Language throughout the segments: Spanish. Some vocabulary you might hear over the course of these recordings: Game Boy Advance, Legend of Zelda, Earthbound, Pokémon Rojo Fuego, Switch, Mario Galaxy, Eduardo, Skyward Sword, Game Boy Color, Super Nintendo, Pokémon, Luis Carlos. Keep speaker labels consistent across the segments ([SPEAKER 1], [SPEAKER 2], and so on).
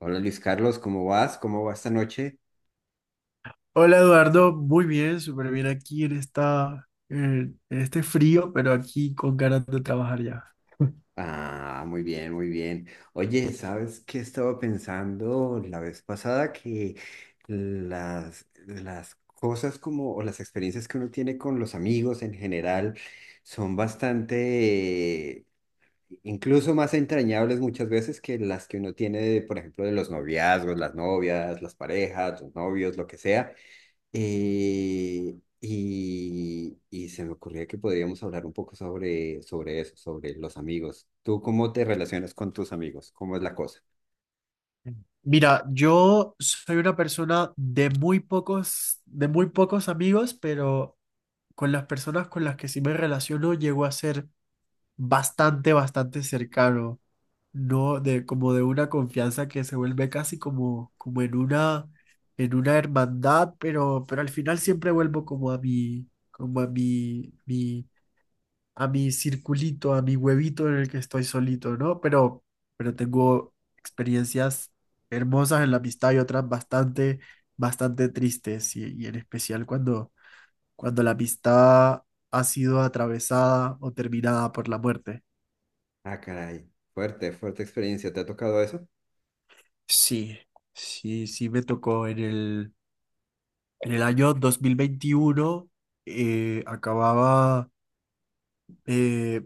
[SPEAKER 1] Hola Luis Carlos, ¿cómo vas? ¿Cómo va esta noche?
[SPEAKER 2] Hola Eduardo, muy bien, súper bien aquí en esta, en este frío, pero aquí con ganas de trabajar ya.
[SPEAKER 1] Ah, muy bien, muy bien. Oye, ¿sabes qué estaba pensando la vez pasada? Que las cosas como, o las experiencias que uno tiene con los amigos en general son bastante, incluso más entrañables muchas veces que las que uno tiene, por ejemplo, de los noviazgos, las novias, las parejas, los novios, lo que sea. Y se me ocurría que podríamos hablar un poco sobre eso, sobre los amigos. ¿Tú cómo te relacionas con tus amigos? ¿Cómo es la cosa?
[SPEAKER 2] Mira, yo soy una persona de muy pocos amigos, pero con las personas con las que sí me relaciono llego a ser bastante, bastante cercano, no de como de una confianza que se vuelve casi como, como en una hermandad, pero al final siempre vuelvo como a mi, como a mi circulito, a mi huevito en el que estoy solito, ¿no? Pero tengo experiencias hermosas en la amistad y otras bastante, bastante tristes, y en especial cuando, cuando la amistad ha sido atravesada o terminada por la muerte.
[SPEAKER 1] Ah, caray, fuerte, fuerte experiencia. ¿Te ha tocado eso?
[SPEAKER 2] Sí, sí, sí me tocó en el año 2021, acababa... eh,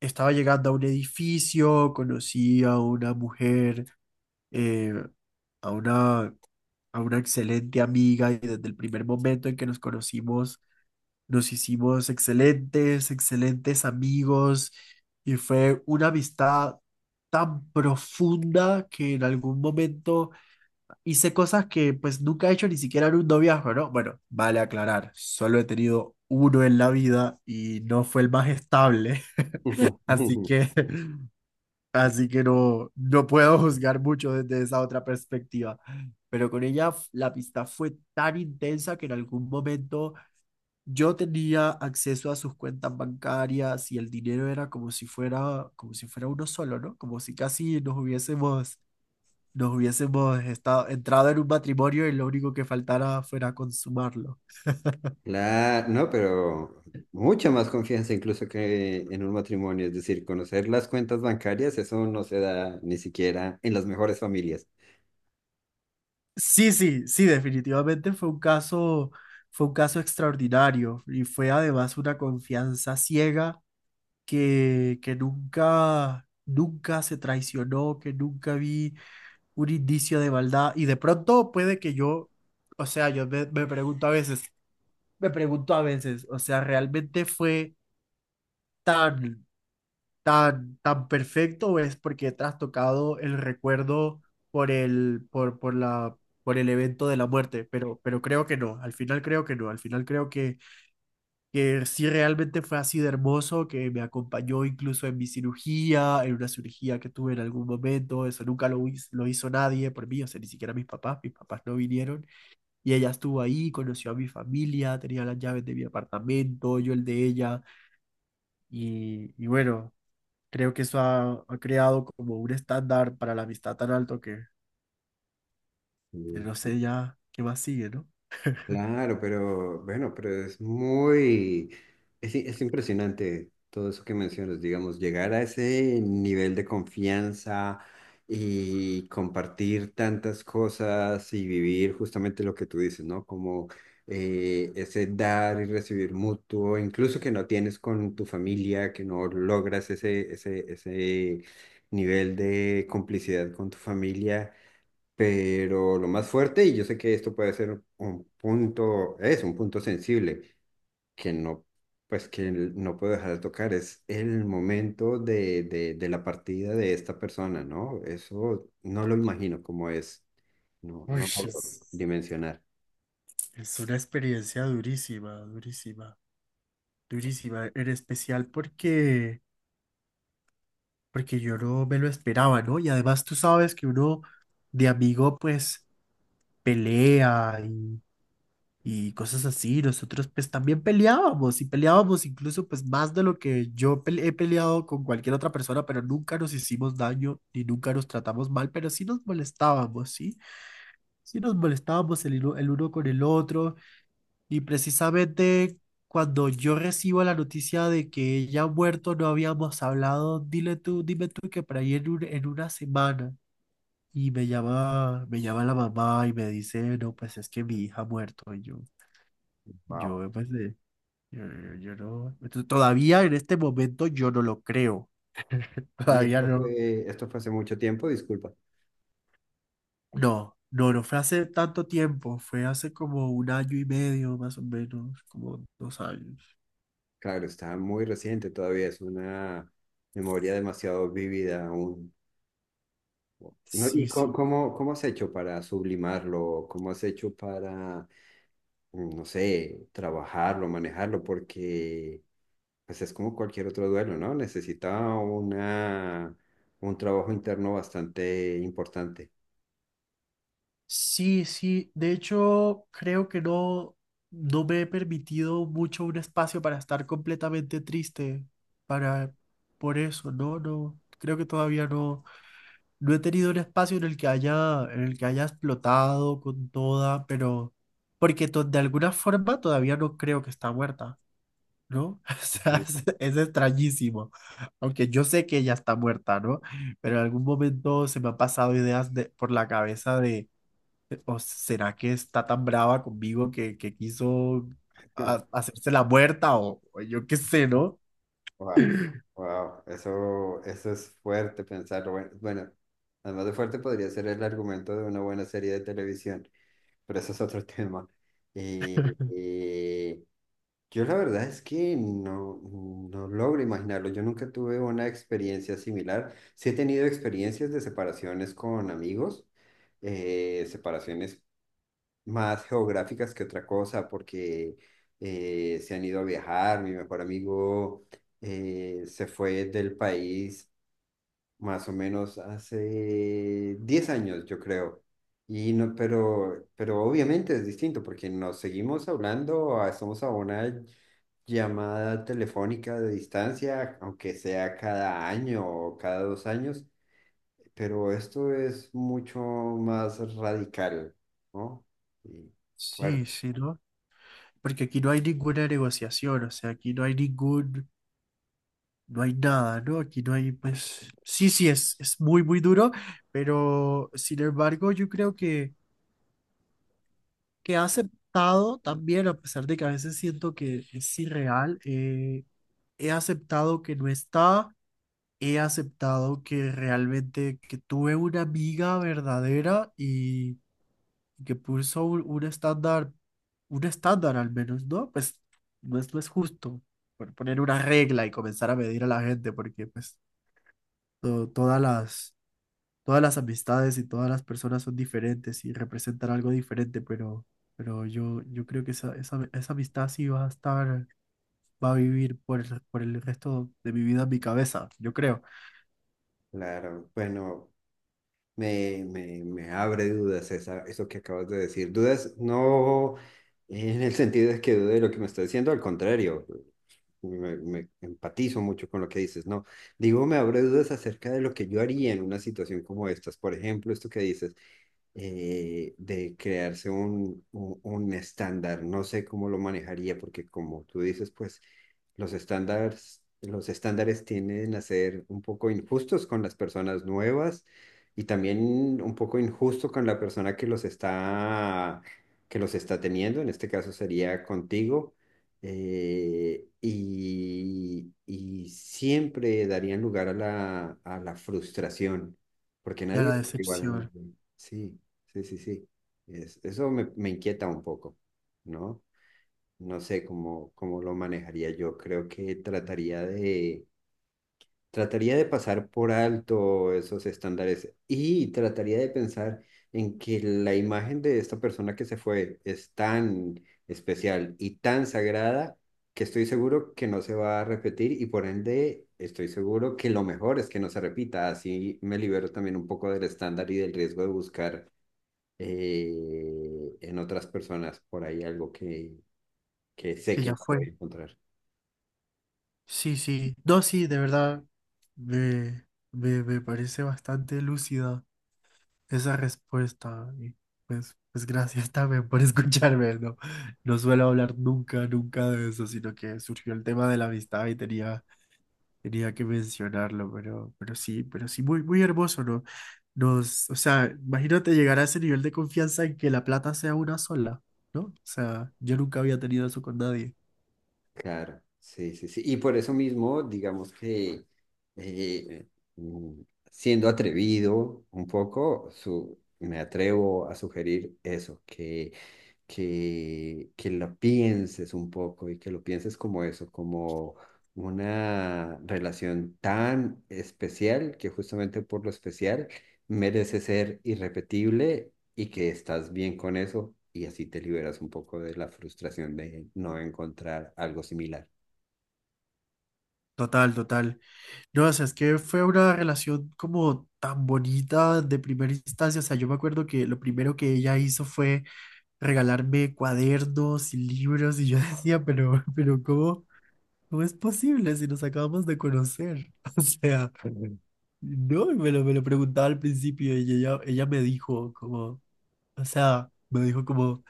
[SPEAKER 2] estaba llegando a un edificio, conocí a una mujer, eh, a una, a una excelente amiga, y desde el primer momento en que nos conocimos nos hicimos excelentes, excelentes amigos, y fue una amistad tan profunda que en algún momento hice cosas que pues nunca he hecho ni siquiera en un noviazgo, ¿no? Bueno, vale aclarar, solo he tenido uno en la vida y no fue el más estable, así que así que no, no puedo juzgar mucho desde esa otra perspectiva. Pero con ella la amistad fue tan intensa que en algún momento yo tenía acceso a sus cuentas bancarias y el dinero era como si fuera uno solo, ¿no? Como si casi nos hubiésemos estado, entrado en un matrimonio y lo único que faltara fuera consumarlo.
[SPEAKER 1] Claro, no, pero mucha más confianza incluso que en un matrimonio. Es decir, conocer las cuentas bancarias, eso no se da ni siquiera en las mejores familias.
[SPEAKER 2] Sí, sí, sí, definitivamente fue un caso extraordinario, y fue además una confianza ciega que nunca, nunca se traicionó, que nunca vi un indicio de maldad. Y de pronto puede que yo, o sea, yo me, me pregunto a veces, me pregunto a veces, o sea, ¿realmente fue tan, tan, tan perfecto o es porque he trastocado el recuerdo por el, por la, por el evento de la muerte? Pero creo que no, al final creo que no, al final creo que sí realmente fue así de hermoso, que me acompañó incluso en mi cirugía, en una cirugía que tuve en algún momento, eso nunca lo, lo hizo nadie por mí, o sea, ni siquiera mis papás no vinieron, y ella estuvo ahí, conoció a mi familia, tenía las llaves de mi apartamento, yo el de ella, y bueno, creo que eso ha, ha creado como un estándar para la amistad tan alto que no sé ya qué más sigue, ¿no?
[SPEAKER 1] Claro, pero bueno, pero es impresionante todo eso que mencionas, digamos, llegar a ese nivel de confianza y compartir tantas cosas y vivir justamente lo que tú dices, ¿no? Como ese dar y recibir mutuo, incluso que no tienes con tu familia, que no logras ese nivel de complicidad con tu familia, pero lo más fuerte, y yo sé que esto puede ser un punto, es un punto sensible, que no, pues que no puedo dejar de tocar, es el momento de la partida de esta persona, ¿no? Eso no lo imagino cómo es, no,
[SPEAKER 2] Uy,
[SPEAKER 1] no lo puedo dimensionar.
[SPEAKER 2] es una experiencia durísima, durísima. Durísima, en especial porque, porque yo no me lo esperaba, ¿no? Y además tú sabes que uno de amigo pues pelea y cosas así. Nosotros pues también peleábamos y peleábamos incluso pues más de lo que yo he peleado con cualquier otra persona, pero nunca nos hicimos daño ni nunca nos tratamos mal, pero sí nos molestábamos, ¿sí? Sí nos molestábamos el, el uno con el otro. Y precisamente cuando yo recibo la noticia de que ella ha muerto, no habíamos hablado, dile tú, dime tú que por ahí en, en una semana. Y me llama la mamá y me dice, no, pues es que mi hija ha muerto. Y yo,
[SPEAKER 1] Wow.
[SPEAKER 2] yo, pues, yo, yo no. Entonces, todavía en este momento yo no lo creo.
[SPEAKER 1] Y
[SPEAKER 2] Todavía no.
[SPEAKER 1] esto fue hace mucho tiempo, disculpa.
[SPEAKER 2] No, no, no fue hace tanto tiempo. Fue hace como un año y medio, más o menos, como dos años.
[SPEAKER 1] Claro, está muy reciente todavía, es una memoria demasiado vívida aún. No, ¿y
[SPEAKER 2] Sí, sí.
[SPEAKER 1] cómo, cómo has hecho para sublimarlo? ¿Cómo has hecho para, mm, no sé, trabajarlo, manejarlo? Porque pues es como cualquier otro duelo, ¿no? Necesita una, un trabajo interno bastante importante.
[SPEAKER 2] Sí, sí. De hecho, creo que no, no me he permitido mucho un espacio para estar completamente triste para por eso, no, no. Creo que todavía no, no he tenido un espacio en el que haya, en el que haya explotado con toda, pero porque de alguna forma todavía no creo que está muerta, ¿no? O sea,
[SPEAKER 1] Ujú.
[SPEAKER 2] es extrañísimo. Aunque yo sé que ella está muerta, ¿no? Pero en algún momento se me han pasado ideas por la cabeza de ¿o será que está tan brava conmigo que quiso hacerse la muerta o yo qué sé, ¿no?
[SPEAKER 1] Wow, wow, eso es fuerte pensarlo. Bueno, bueno, además de fuerte podría ser el argumento de una buena serie de televisión, pero eso es otro tema. Y, Yo la verdad es que no, no logro imaginarlo. Yo nunca tuve una experiencia similar. Sí he tenido experiencias de separaciones con amigos, separaciones más geográficas que otra cosa, porque se han ido a viajar. Mi mejor amigo se fue del país más o menos hace 10 años, yo creo. Y no, pero obviamente es distinto porque nos seguimos hablando, ah, estamos a una llamada telefónica de distancia, aunque sea cada año o cada dos años, pero esto es mucho más radical, ¿no? Y
[SPEAKER 2] Sí,
[SPEAKER 1] fuerte,
[SPEAKER 2] sí, ¿no? Porque aquí no hay ninguna negociación, o sea, aquí no hay ningún, no hay nada, ¿no? Aquí no hay, pues, sí, sí, es muy, muy duro, pero sin embargo, yo creo que ha aceptado también, a pesar de que a veces siento que es irreal, he aceptado que no está. He aceptado que realmente que tuve una amiga verdadera y que puso un estándar al menos, ¿no? Pues no es, no es justo por poner una regla y comenzar a medir a la gente porque pues to- todas las, todas las amistades y todas las personas son diferentes y representan algo diferente, pero yo creo que esa amistad sí va a estar... va a vivir por el resto de mi vida en mi cabeza, yo creo.
[SPEAKER 1] claro. Bueno, me abre dudas esa, eso que acabas de decir. Dudas no en el sentido de que dude de lo que me está diciendo, al contrario. Me empatizo mucho con lo que dices, ¿no? Digo, me abre dudas acerca de lo que yo haría en una situación como estas. Por ejemplo, esto que dices, de crearse un estándar. No sé cómo lo manejaría, porque como tú dices, pues los estándares tienden a ser un poco injustos con las personas nuevas y también un poco injusto con la persona que los está teniendo, en este caso sería contigo, y siempre darían lugar a a la frustración, porque
[SPEAKER 2] Y a
[SPEAKER 1] nadie
[SPEAKER 2] la
[SPEAKER 1] es igual a
[SPEAKER 2] decepción
[SPEAKER 1] nadie. Sí, sí, sí, sí. Eso me, me inquieta un poco, ¿no? No sé cómo, cómo lo manejaría yo. Creo que trataría de pasar por alto esos estándares y trataría de pensar en que la imagen de esta persona que se fue es tan especial y tan sagrada que estoy seguro que no se va a repetir y por ende estoy seguro que lo mejor es que no se repita. Así me libero también un poco del estándar y del riesgo de buscar eh, en otras personas por ahí algo que sé
[SPEAKER 2] que
[SPEAKER 1] que
[SPEAKER 2] ya
[SPEAKER 1] no
[SPEAKER 2] fue.
[SPEAKER 1] voy a encontrar.
[SPEAKER 2] Sí, sí. No, sí, de verdad, me parece bastante lúcida esa respuesta. Y pues, pues gracias también por escucharme, ¿no? No suelo hablar nunca, nunca de eso, sino que surgió el tema de la amistad y tenía, tenía que mencionarlo, pero sí, muy, muy hermoso, ¿no? Nos, o sea, imagínate llegar a ese nivel de confianza en que la plata sea una sola, ¿no? O sea, yo nunca había tenido eso con nadie.
[SPEAKER 1] Claro, sí, sí, sí. Y por eso mismo, digamos que eh, mm, siendo atrevido un poco, me atrevo a sugerir eso, que lo pienses un poco y que lo pienses como eso, como una relación tan especial que justamente por lo especial merece ser irrepetible y que estás bien con eso y así te liberas un poco de la frustración de no encontrar algo similar.
[SPEAKER 2] Total, total. No, o sea, es que fue una relación como tan bonita de primera instancia. O sea, yo me acuerdo que lo primero que ella hizo fue regalarme cuadernos y libros, y yo decía, pero ¿cómo, cómo es posible si nos acabamos de conocer? O sea, no, y me lo preguntaba al principio, y ella me dijo como, o sea, me dijo como,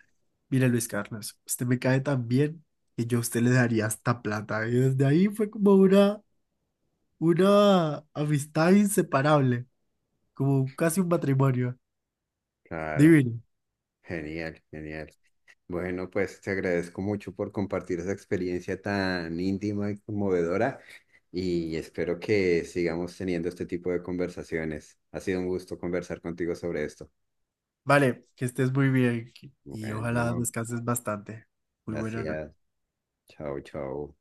[SPEAKER 2] mira Luis Carlos, usted me cae tan bien que yo a usted le daría hasta plata. Y desde ahí fue como una amistad inseparable, como casi un matrimonio.
[SPEAKER 1] Claro,
[SPEAKER 2] Divino.
[SPEAKER 1] genial, genial. Bueno, pues te agradezco mucho por compartir esa experiencia tan íntima y conmovedora y espero que sigamos teniendo este tipo de conversaciones. Ha sido un gusto conversar contigo sobre esto.
[SPEAKER 2] Vale, que estés muy bien y ojalá
[SPEAKER 1] Bueno,
[SPEAKER 2] descanses bastante. Muy buena noche.
[SPEAKER 1] gracias. Chao, chao.